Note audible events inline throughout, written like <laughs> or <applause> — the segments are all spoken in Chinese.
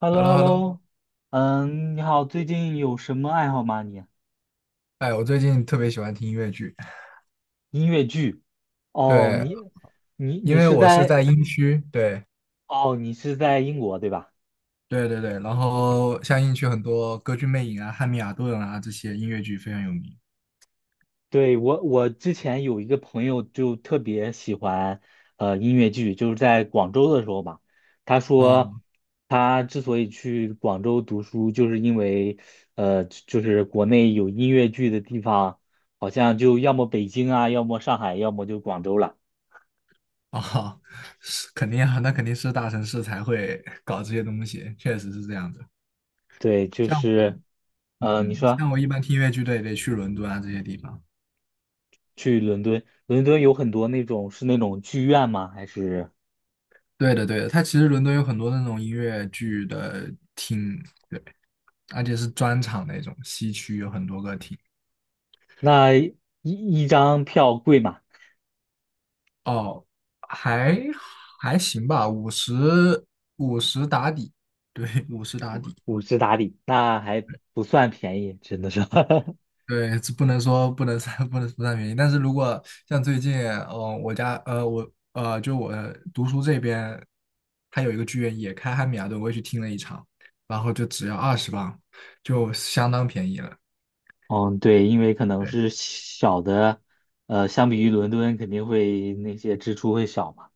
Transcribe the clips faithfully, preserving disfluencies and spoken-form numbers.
h e l h l e o l l o h e h l e l l l o o 嗯，你好，最近有什么爱好吗你？哎，我最近特别喜欢听音乐剧，音乐剧？哦，对，你你因你为是我是在。在英区，对，哦，你是在英国对吧？对对对，然后像英区很多《歌剧魅影》啊、《汉密尔顿》啊这些音乐剧非常有名。对，我我之前有一个朋友就特别喜欢呃音乐剧，就是在广州的时候吧。他啊说他之所以去广州读书，就是因为呃就是国内有音乐剧的地方，好像就要么北京啊，要么上海，要么就广州了。啊，<laughs> 是肯定啊，那肯定是大城市才会搞这些东西，确实是这样的。对，就像我，是，呃，你嗯，说。像我一般听音乐剧都也得去伦敦啊这些地方。去伦敦，伦敦有很多那种是那种剧院吗？还是对的，对的，它其实伦敦有很多那种音乐剧的厅，而且是专场那种，西区有很多个厅。那一一张票贵嘛？哦，还还行吧，五十五十打底，对五十打底。五十打底。那还不算便宜，真的是。<laughs> 对，这不能说不能算不能不算便宜，但是如果像最近，嗯、我家呃我呃就我读书这边，它有一个剧院也开汉米尔顿，我也去听了一场，然后就只要二十磅，就相当便宜了。嗯，对，因为可能对，是小的，呃，相比于伦敦肯定会那些支出会小嘛。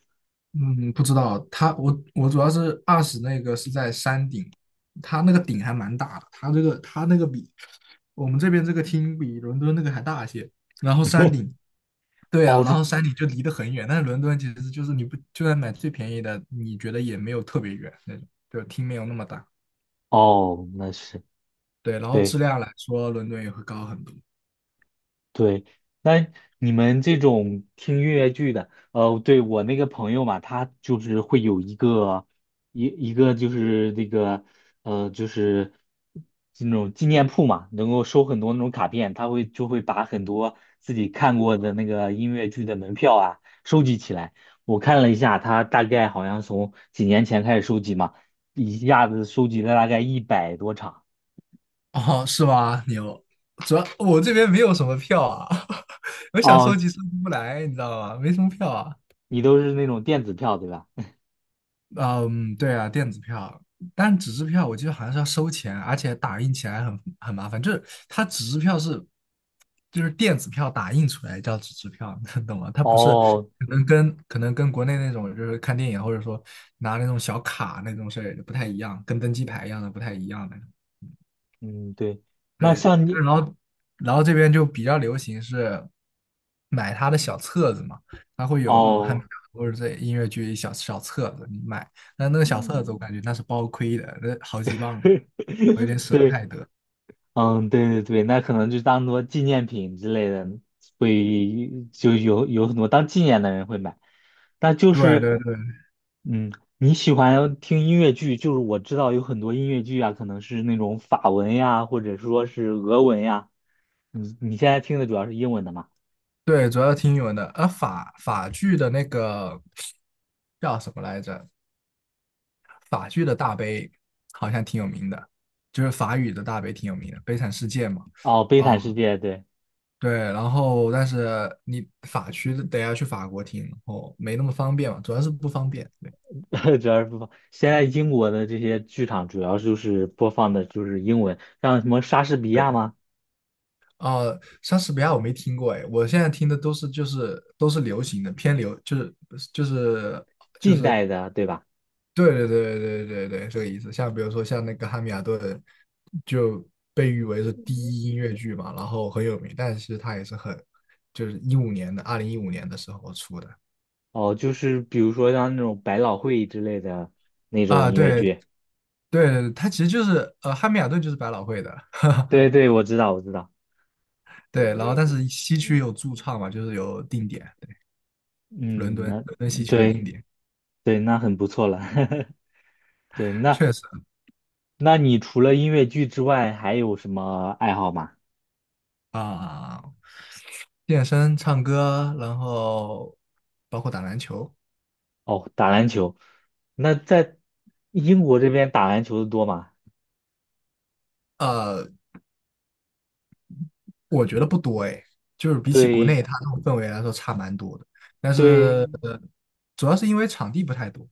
嗯，不知道他我我主要是二十那个是在山顶，他那个顶还蛮大的，他这个他那个比我们这边这个厅比伦敦那个还大些，然后山顶，对啊，哦，然对。后山顶就离得很远，但是伦敦其实就是你不就算买最便宜的，你觉得也没有特别远那种，就厅没有那么大，哦，那是对，然后对。质量来说，伦敦也会高很多，对，那你们这种听音乐剧的，呃，对我那个朋友嘛，他就是会有一个一一个就是那个呃，就是那种纪念铺嘛，能够收很多那种卡片，他会就会把很多自己看过的那个音乐剧的门票啊收集起来。我看了一下，他大概好像从几年前开始收集嘛，一下子收集了大概一百多场。哦，是吧？牛，主要我这边没有什么票啊，<laughs> 我想收哦，集收集不来，你知道吗？没什么票啊，你都是那种电子票对吧？嗯，对啊，电子票，但纸质票我记得好像是要收钱，而且打印起来很很麻烦。就是它纸质票是，就是电子票打印出来叫纸质票，<laughs> 你懂吗？它不是哦，可能跟可能跟国内那种就是看电影或者说拿那种小卡那种事儿不太一样，跟登机牌一样的不太一样的。嗯，对，那对，像你但嗯。是然后然后这边就比较流行是买他的小册子嘛，他会有那种汉堡哦，或者这音乐剧小小册子，你买，但那个小册子我感觉那是包亏的，那好几磅呢，<laughs> 我有点舍不对。太得。嗯，对对对，那可能就当做纪念品之类的，会就有有很多当纪念的人会买。但就对是，对对嗯，你喜欢听音乐剧，就是我知道有很多音乐剧啊，可能是那种法文呀，或者说是俄文呀。你你现在听的主要是英文的嘛？对，主要听英文的，而法法剧的那个叫什么来着？法剧的大悲好像挺有名的，就是法语的大悲挺有名的，《悲惨世界》嘛。哦，《悲惨哦，世界》对。对，然后但是你法区得要去法国听，然后没那么方便嘛，主要是不方便。对 <laughs> 主要是播放。现在英国的这些剧场主要就是播放的就是英文，像什么莎士比对，亚吗？呃，莎士比亚我没听过哎，我现在听的都是就是都是流行的，偏流就是就是近代的，对吧？对对对对对对这个意思。像比如说像那个《汉密尔顿》，就被誉为是第一音乐剧嘛，然后很有名，但是其实它也是很就是一五年的二零一五年的时候出的哦，就是比如说像那种百老汇之类的那种啊，音乐对剧。对对，它其实就是呃《汉密尔顿》就是百老汇的。对对，我知道，我知道。对，然后但是西区有驻唱嘛，就是有定点，伦敦嗯，伦那敦西区有定对点，对，那很不错了。<laughs> 对，那确实那你除了音乐剧之外，还有什么爱好吗？啊、健身、唱歌，然后包括打篮球，哦，打篮球。那在英国这边打篮球的多吗？呃，我觉得不多哎，就是比起国对内它那种氛围来说差蛮多的，但是对呃主要是因为场地不太多，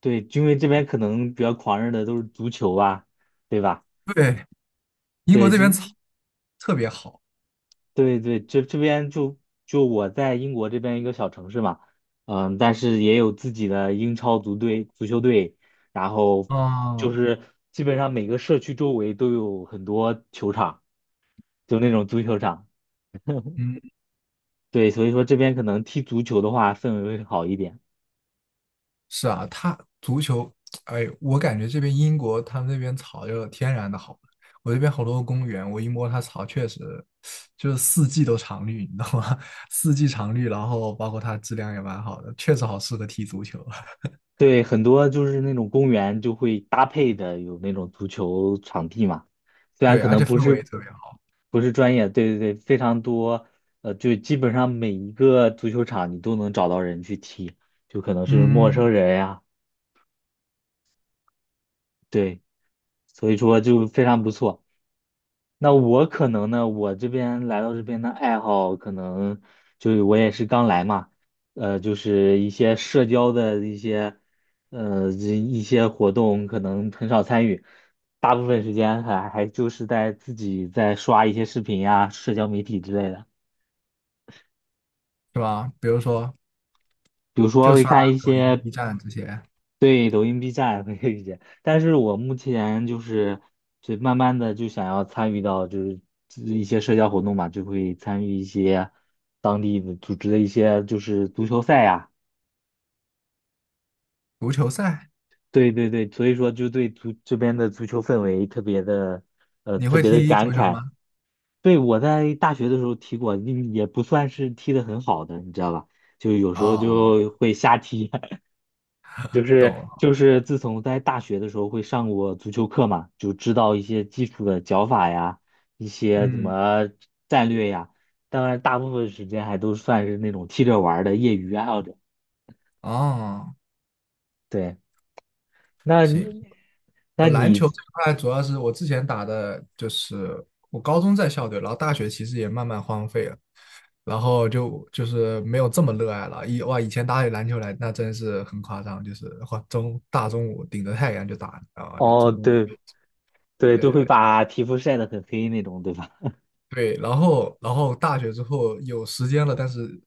对，因为这边可能比较狂热的都是足球啊，对吧？对，英国对，这边就草特别好对对，这这边就就我在英国这边一个小城市嘛。嗯，但是也有自己的英超足队、足球队，然后就啊，是基本上每个社区周围都有很多球场，就那种足球场。嗯。对，所以说这边可能踢足球的话氛围会好一点。是啊，他足球，哎，我感觉这边英国他们那边草就天然的好，我这边好多公园，我一摸它草，确实就是四季都常绿，你知道吗？<laughs> 四季常绿，然后包括它质量也蛮好的，确实好适合踢足球。<laughs> 对，很多就是那种公园就会搭配的有那种足球场地嘛。虽然对，可而能且不氛围也是特别好，不是专业，对对对，非常多。呃，就基本上每一个足球场你都能找到人去踢，就可能是陌嗯，生人呀。对，所以说就非常不错。那我可能呢，我这边来到这边的爱好，可能就是我也是刚来嘛。呃，就是一些社交的一些，呃，这一些活动可能很少参与，大部分时间还还就是在自己在刷一些视频呀、社交媒体之类的。是吧？比如说，比如说就会刷看一抖音、些。 B 站这些对，抖音、B 站会遇见，但是我目前就是，就慢慢的就想要参与到就是一些社交活动嘛，就会参与一些当地的组织的一些就是足球赛呀。足球赛，对对对，所以说就对足这边的足球氛围特别的，呃，你特会别的踢感足球慨。吗？对，我在大学的时候踢过，嗯也不算是踢得很好的，你知道吧？就有时候哦，就会瞎踢。<laughs> 就懂是了，就是自从在大学的时候会上过足球课嘛，就知道一些基础的脚法呀，一些怎嗯，么战略呀。当然，大部分时间还都算是那种踢着玩儿的业余爱好者。哦，对，那行，你那我篮你球这块主要是我之前打的，就是我高中在校队，然后大学其实也慢慢荒废了，然后就就是没有这么热爱了。以哇，以前打起篮球来那真是很夸张，就是哇中大中午顶着太阳就打，啊，就哦，中午对对，都会对，把皮肤晒得很黑那种，对吧？对，然后然后大学之后有时间了，但是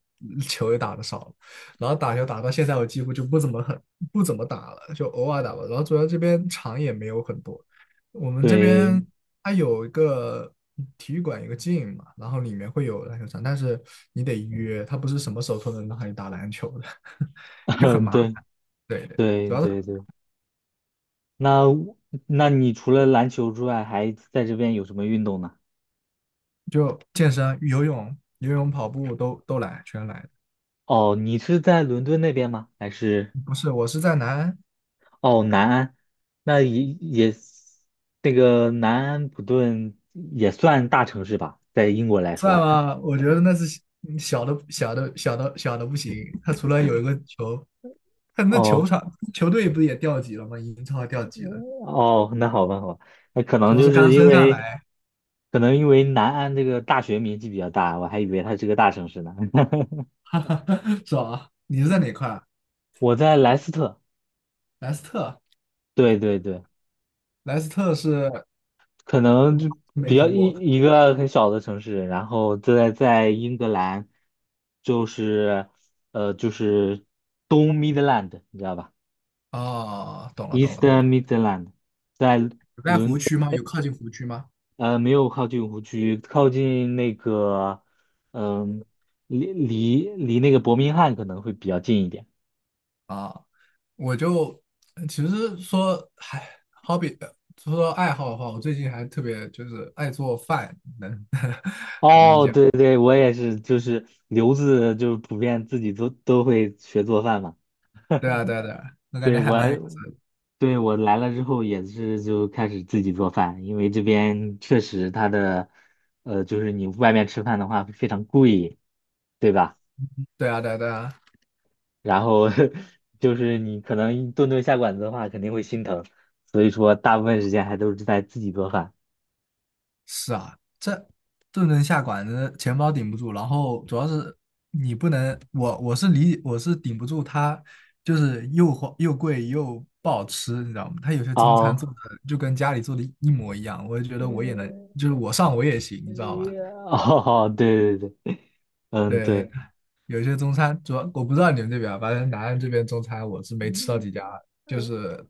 球也打的少了，然后打球打到现在我几乎就不怎么很不怎么打了，就偶尔打吧。然后主要这边场也没有很多，我们这对，边它有一个体育馆，一个 g 嘛，然后里面会有篮球场，但是你得约，它不是什么时候都能让你打篮球的，<laughs> 就很 <laughs> 麻对烦。对对，对主要是对对。那那你除了篮球之外，还在这边有什么运动呢？就健身、游泳、游泳、跑步都都来，全来。哦，你是在伦敦那边吗？还是？不是，我是在南安，哦，南安。那也也那个南安普顿也算大城市吧，在英国来算说。吗？<laughs> 我觉得那是嗯小的小的小的小的不行。他除了有一个球，他那球哦场球队不是也掉级了吗？英超掉级了，哦，那好吧，好吧。那可主能要就是是刚因升上为，来，可能因为南安这个大学名气比较大，我还以为它是个大城市呢。<laughs> <laughs> 哈哈，爽啊！你是在哪块啊我在莱斯特，莱斯特，对对对。莱斯特是可能就没比较听一过。一个很小的城市，然后在在英格兰，就是呃就是东 Midland，你知道吧？哦，懂了懂了懂 Eastern 了。Midland，在有在湖区吗？有靠近湖区吗？呃没有靠近湖区，靠近那个嗯、离离离那个伯明翰可能会比较近一点。啊，我就其实说，唉，好比说爱好的话，我最近还特别就是爱做饭，能 <laughs> 能理哦，解。对对，我也是，就是留子就是普遍自己都都会学做饭嘛。对啊，对啊，对啊，我感对觉还我蛮有意思的对我来了之后也是就开始自己做饭，因为这边确实它的呃就是你外面吃饭的话会非常贵，对吧？对啊，对啊，对啊，然后 <laughs> 就是你可能顿顿下馆子的话，肯定会心疼，所以说大部分时间还都是在自己做饭。是啊，这顿顿下馆子，钱包顶不住，然后主要是你不能，我我是理我是顶不住它，就是又花又贵又不好吃，你知道吗？它有些中餐做哦，的就跟家里做的一模一样，我就觉得我也能，呃，就是我上我也行，你知道吧？哦，对对对，嗯，对对，对。有些中餐主要我不知道你们这边啊，反正南安这边中餐我是没吃到几家，就是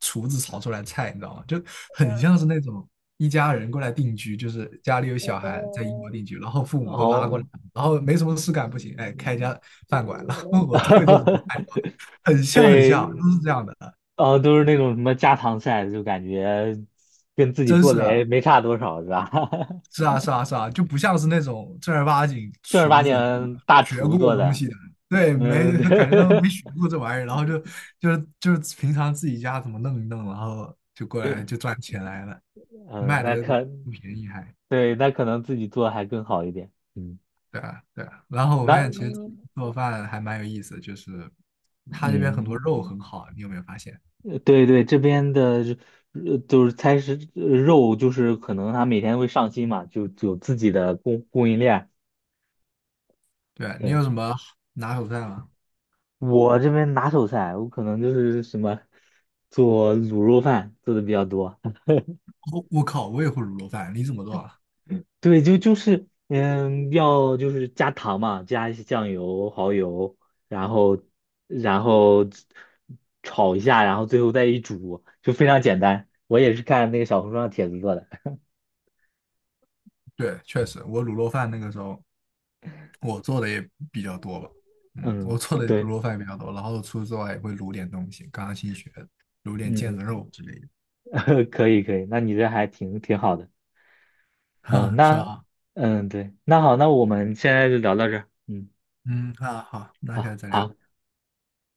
厨子炒出来的菜，你知道吗？就很像是那种一家人过来定居，就是家里有小孩在英国定居，然后父母都拉过来，哦，然后没什么事干不行，哎，开一家饭馆，然后我会做什么菜吗 <laughs> 很像很像，对。都是这样的，哦，都是那种什么家常菜，就感觉跟自己真做是的也的。没差多少，是吧？是啊，是啊，是啊，就不像是那种正儿八经 <laughs> 正儿八厨子经大学厨过做东的，西的，对，嗯，没对。感觉他们没 <laughs> 学过这玩意儿，然后就就是就是平常自己家怎么弄一弄，然后就过来就赚钱来了，嗯，卖的那可，不便宜还，对，那可能自己做还更好一点，嗯。对啊，对啊。然后我发那现其实做饭还蛮有意思的，就是他这边很多肉嗯，很好，你有没有发现？对对，这边的呃就是菜是呃肉，就是可能他每天会上新嘛，就有自己的供供应链。对啊，你对，有什么拿手菜吗？我这边拿手菜，我可能就是什么做卤肉饭做的比较多。我我靠，我也会卤肉饭，你怎么做啊？对，就就是嗯，要就是加糖嘛，加一些酱油、蚝油，然后然后炒一下，然后最后再一煮，就非常简单。我也是看那个小红书上帖子做的。对，确实，我卤肉饭那个时候我做的也比较多吧，嗯，我嗯，做的卤对。肉饭也比较多，然后除此之外也会卤点东西，刚刚新学的，卤点腱嗯，子肉之类的，<laughs> 可以可以，那你这还挺挺好的。<laughs> 嗯，哈，是那吧？嗯对，那好，那我们现在就聊到这儿嗯。嗯，那好，那下好次再聊。好。